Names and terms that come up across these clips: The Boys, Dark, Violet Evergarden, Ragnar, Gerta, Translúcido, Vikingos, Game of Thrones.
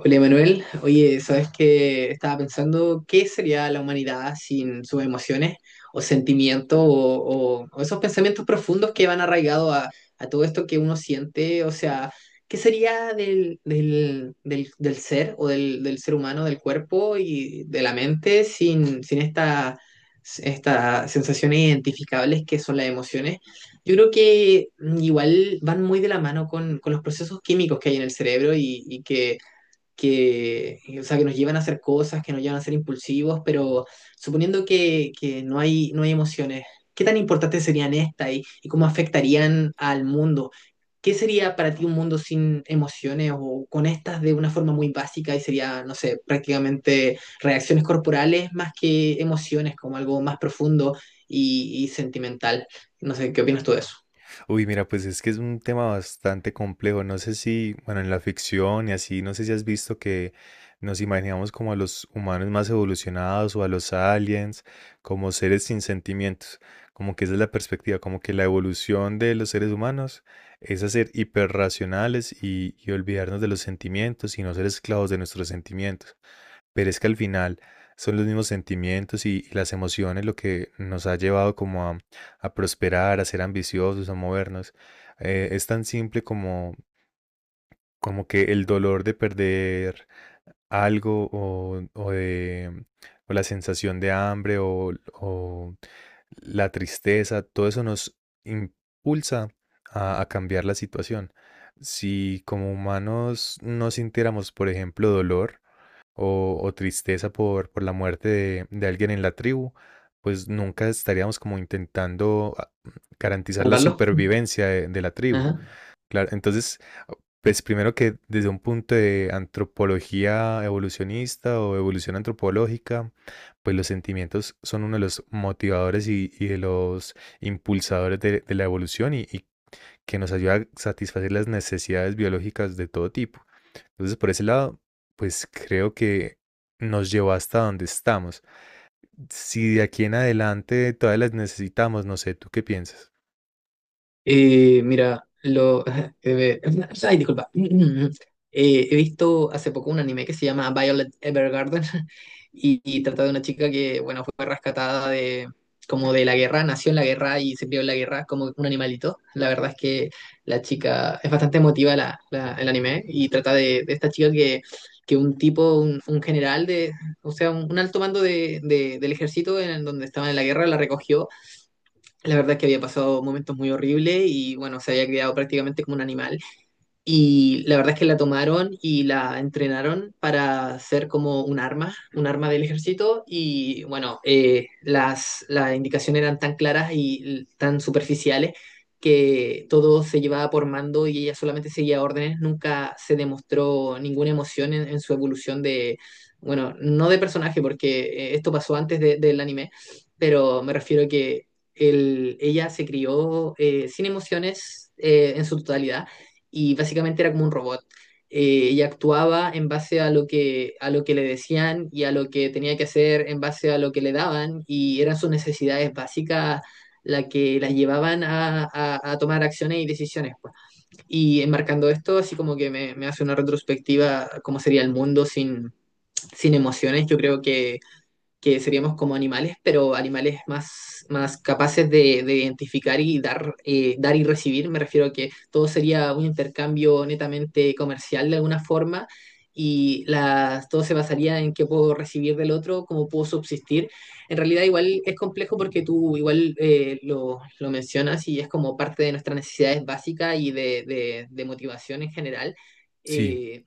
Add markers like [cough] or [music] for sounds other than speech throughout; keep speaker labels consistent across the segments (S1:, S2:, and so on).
S1: Hola Manuel, oye, sabes que estaba pensando qué sería la humanidad sin sus emociones o sentimientos o, o esos pensamientos profundos que van arraigados a todo esto que uno siente, o sea, qué sería del ser o del ser humano, del cuerpo y de la mente sin estas sensaciones identificables que son las emociones. Yo creo que igual van muy de la mano con los procesos químicos que hay en el cerebro y que, o sea, que nos llevan a hacer cosas, que nos llevan a ser impulsivos, pero suponiendo que no hay emociones, ¿qué tan importantes serían estas y cómo afectarían al mundo? ¿Qué sería para ti un mundo sin emociones o con estas de una forma muy básica y sería, no sé, prácticamente reacciones corporales más que emociones, como algo más profundo y sentimental? No sé, ¿qué opinas tú de eso?
S2: Uy, mira, pues es que es un tema bastante complejo. No sé si, bueno, en la ficción y así, no sé si has visto que nos imaginamos como a los humanos más evolucionados o a los aliens, como seres sin sentimientos. Como que esa es la perspectiva, como que la evolución de los seres humanos es hacer hiperracionales y olvidarnos de los sentimientos y no ser esclavos de nuestros sentimientos. Pero es que al final son los mismos sentimientos y las emociones lo que nos ha llevado como a prosperar, a ser ambiciosos, a movernos. Es tan simple como, como que el dolor de perder algo o la sensación de hambre o la tristeza, todo eso nos impulsa a cambiar la situación. Si como humanos no sintiéramos, por ejemplo, dolor, o tristeza por la muerte de alguien en la tribu, pues nunca estaríamos como intentando garantizar la
S1: ¿Salvarlo?
S2: supervivencia de la tribu.
S1: Ajá.
S2: Claro, entonces, pues primero que desde un punto de antropología evolucionista o evolución antropológica, pues los sentimientos son uno de los motivadores y de los impulsadores de la evolución y que nos ayuda a satisfacer las necesidades biológicas de todo tipo. Entonces, por ese lado, pues creo que nos llevó hasta donde estamos. Si de aquí en adelante todas las necesitamos, no sé, ¿tú qué piensas?
S1: Mira, lo. [laughs] eh, ay, disculpa. [clears throat] He visto hace poco un anime que se llama Violet Evergarden [laughs] y trata de una chica que, bueno, fue rescatada de como de la guerra, nació en la guerra y se crió en la guerra como un animalito. La verdad es que la chica es bastante emotiva el anime y trata de esta chica que un tipo, un general de, o sea, un alto mando del ejército en donde estaban en la guerra la recogió. La verdad es que había pasado momentos muy horribles y bueno, se había criado prácticamente como un animal. Y la verdad es que la tomaron y la entrenaron para ser como un arma del ejército. Y bueno, las indicaciones eran tan claras y tan superficiales que todo se llevaba por mando y ella solamente seguía órdenes. Nunca se demostró ninguna emoción en su evolución de, bueno, no de personaje, porque esto pasó antes del anime, pero me refiero a que ella se crió sin emociones en su totalidad y básicamente era como un robot. Ella actuaba en base a lo que le decían y a lo que tenía que hacer en base a lo que le daban y eran sus necesidades básicas las que las llevaban a tomar acciones y decisiones, pues. Y enmarcando esto, así como que me hace una retrospectiva, cómo sería el mundo sin emociones, yo creo que seríamos como animales, pero animales más capaces de identificar y dar, dar y recibir. Me refiero a que todo sería un intercambio netamente comercial de alguna forma y todo se basaría en qué puedo recibir del otro, cómo puedo subsistir. En realidad igual es complejo porque tú igual lo mencionas y es como parte de nuestras necesidades básicas y de motivación en general.
S2: Sí,
S1: Eh,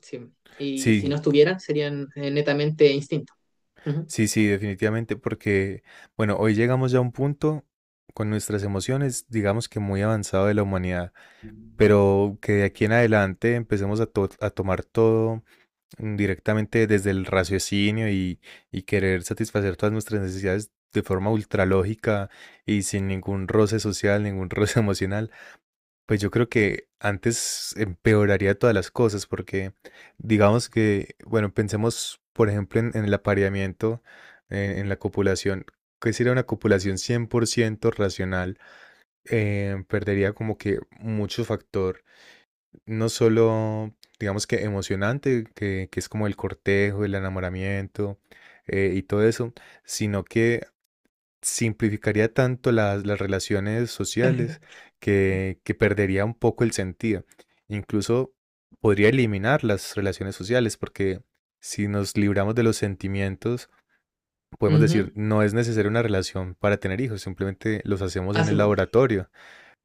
S1: sí. Y si
S2: sí,
S1: no estuvieran, serían netamente instintos. Ujú.
S2: sí, sí, definitivamente, porque, bueno, hoy llegamos ya a un punto con nuestras emociones, digamos que muy avanzado de la humanidad, pero que de aquí en adelante empecemos a, a tomar todo directamente desde el raciocinio y querer satisfacer todas nuestras necesidades de forma ultralógica y sin ningún roce social, ningún [laughs] roce emocional, pues yo creo que antes empeoraría todas las cosas porque digamos que, bueno, pensemos por ejemplo en el apareamiento, en la copulación, que sería una copulación 100 por ciento racional, perdería como que mucho factor no solo, digamos que emocionante, que es como el cortejo, el enamoramiento y todo eso, sino que simplificaría tanto las relaciones sociales que perdería un poco el sentido. Incluso podría eliminar las relaciones sociales porque si nos libramos de los sentimientos, podemos decir,
S1: Ujú.
S2: no es necesaria una relación para tener hijos, simplemente los hacemos
S1: Ah,
S2: en
S1: sí,
S2: el
S1: po.
S2: laboratorio,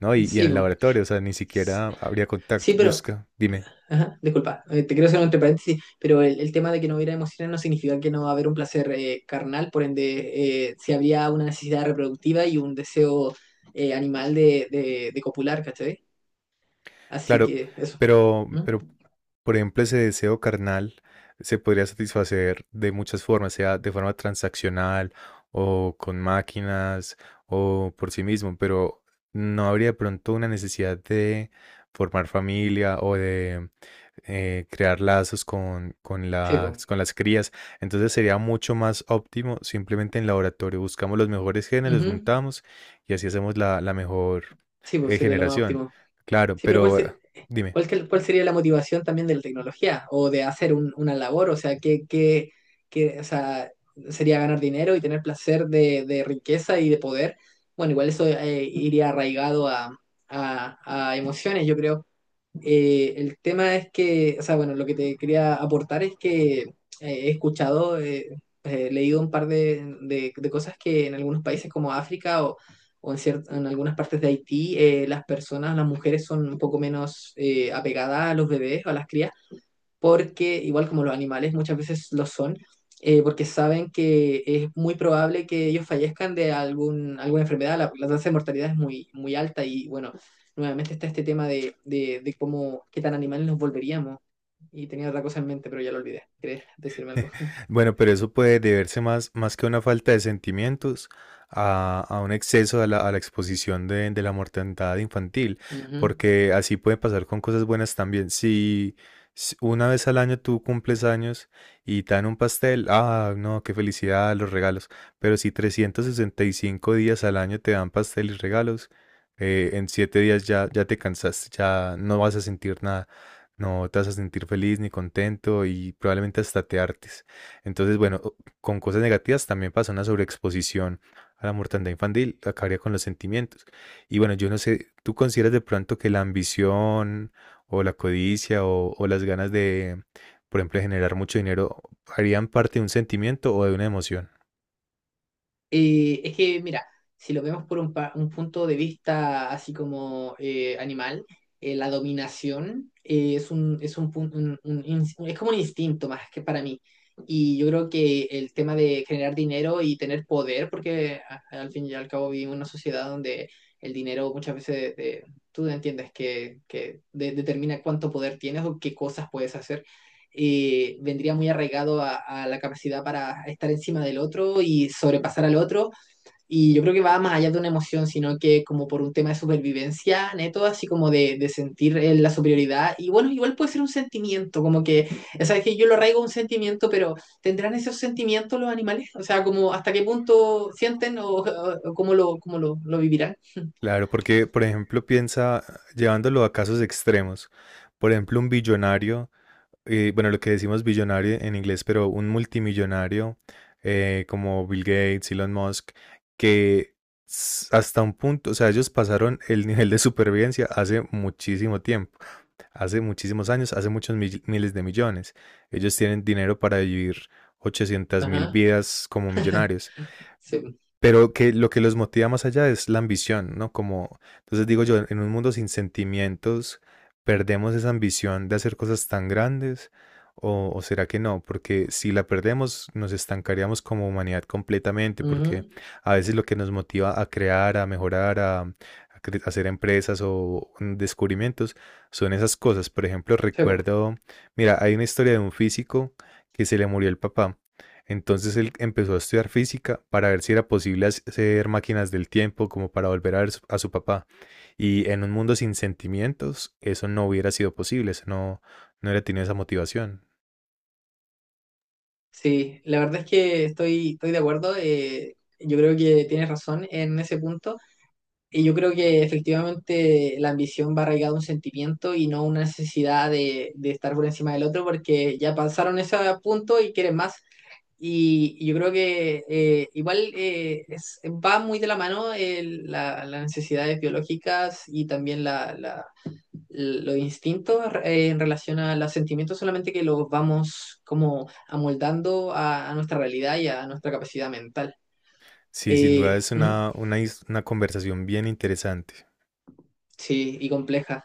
S2: ¿no? Y en
S1: Sí,
S2: el
S1: po.
S2: laboratorio, o sea, ni
S1: S-
S2: siquiera habría
S1: Sí,
S2: contacto.
S1: pero.
S2: Busca, dime.
S1: Ajá, disculpa, te quiero hacer un entre paréntesis, pero el tema de que no hubiera emociones no significa que no va a haber un placer carnal, por ende, si habría una necesidad reproductiva y un deseo animal de copular, ¿cachai? Así
S2: Claro,
S1: que eso.
S2: pero,
S1: ¿Mm?
S2: pero, por ejemplo, ese deseo carnal se podría satisfacer de muchas formas, sea de forma transaccional o con máquinas o por sí mismo, pero no habría de pronto una necesidad de formar familia o de crear lazos con,
S1: Sí, pues.
S2: con las crías. Entonces sería mucho más óptimo simplemente en laboratorio. Buscamos los mejores genes, los juntamos y así hacemos la, la mejor
S1: Sí, pues sería lo más
S2: generación.
S1: óptimo.
S2: Claro,
S1: Sí, pero ¿cuál,
S2: pero
S1: se-
S2: dime.
S1: cuál, que- cuál sería la motivación también de la tecnología o de hacer una labor? O sea, ¿ o sea, sería ganar dinero y tener placer de riqueza y de poder? Bueno, igual eso iría arraigado a emociones, yo creo. El tema es que, o sea, bueno, lo que te quería aportar es que he escuchado, he leído un par de cosas que en algunos países como África o en en algunas partes de Haití, las personas, las mujeres son un poco menos apegadas a los bebés o a las crías porque igual como los animales muchas veces lo son, porque saben que es muy probable que ellos fallezcan de algún, alguna enfermedad, la tasa de mortalidad es muy, muy alta y bueno, nuevamente está este tema de cómo, qué tan animales nos volveríamos. Y tenía otra cosa en mente, pero ya lo olvidé. ¿Querés decirme
S2: [laughs]
S1: algo? [laughs]
S2: Bueno, pero eso puede deberse más, más que a una falta de sentimientos, a un exceso a la exposición de la mortandad infantil,
S1: Ujú.
S2: porque así puede pasar con cosas buenas también. Si, una vez al año tú cumples años y te dan un pastel, ah, no, qué felicidad, los regalos, pero si 365 días al año te dan pastel y regalos, en 7 días ya te cansaste, ya no vas a sentir nada. No te vas a sentir feliz ni contento y probablemente hasta te hartes. Entonces, bueno, o- con cosas negativas también pasa una sobreexposición a la mortandad infantil, acabaría con los sentimientos. Y bueno, yo no sé, ¿tú consideras de pronto que la ambición o la codicia o las ganas de, por ejemplo, de generar mucho dinero harían parte de un sentimiento o de una emoción?
S1: Es que, mira, si lo vemos por un punto de vista así como animal, la dominación es como un instinto más que para mí. Y yo creo que el tema de generar dinero y tener poder, porque al fin y al cabo vivimos en una sociedad donde el dinero muchas veces tú entiendes que determina cuánto poder tienes o qué cosas puedes hacer vendría muy arraigado a la capacidad para estar encima del otro y sobrepasar al otro. Y yo creo que va más allá de una emoción, sino que como por un tema de supervivencia, neto, así como de sentir la superioridad. Y bueno, igual puede ser un sentimiento, como que, sabes que yo lo arraigo a un sentimiento, pero ¿tendrán esos sentimientos los animales? O sea, como hasta qué punto sienten o cómo, cómo lo vivirán. [laughs]
S2: Claro, porque, por ejemplo, piensa llevándolo a casos extremos. Por ejemplo, un billonario bueno, lo que decimos billonario en inglés, pero un multimillonario como Bill Gates, Elon Musk, que hasta un punto, o sea, ellos pasaron el nivel de supervivencia hace muchísimo tiempo, hace muchísimos años, hace muchos miles de millones. Ellos tienen dinero para vivir 800 mil
S1: Ajá,
S2: vidas como millonarios.
S1: sí.
S2: Pero que lo que los motiva más allá es la ambición, ¿no? Como, entonces digo yo, en un mundo sin sentimientos, ¿perdemos esa ambición de hacer cosas tan grandes? O será que no? Porque si la perdemos, nos estancaríamos como humanidad completamente, porque
S1: Ujú.
S2: a veces lo que nos motiva a crear, a mejorar, a, a hacer empresas o descubrimientos, son esas cosas. Por ejemplo,
S1: Sí,
S2: recuerdo, mira, hay una historia de un físico que se le murió el papá. Entonces él empezó a estudiar física para ver si era posible hacer máquinas del tiempo como para volver a ver a su papá. Y en un mundo sin sentimientos, eso no hubiera sido posible, eso no, no hubiera tenido esa motivación.
S1: sí, la verdad es que estoy de acuerdo. Yo creo que tienes razón en ese punto. Y yo creo que efectivamente la ambición va arraigada a un sentimiento y no una necesidad de estar por encima del otro porque ya pasaron ese punto y quieren más. Y yo creo que igual va muy de la mano las necesidades biológicas y también los instintos en relación a los sentimientos solamente que los vamos como amoldando a nuestra realidad y a nuestra capacidad mental.
S2: Sí, sin duda es
S1: Ujú,
S2: una, una conversación bien interesante.
S1: sí, y compleja.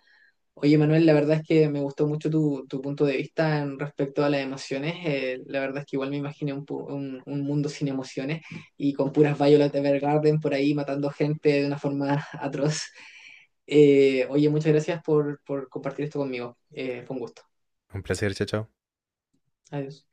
S1: Oye, Manuel, la verdad es que me gustó mucho tu punto de vista en respecto a las emociones. La verdad es que igual me imaginé un mundo sin emociones y con puras Violet Evergarden por ahí matando gente de una forma [laughs] atroz. Oye, muchas gracias por compartir esto conmigo. Fue un gusto.
S2: Un placer, chao, chao.
S1: Adiós.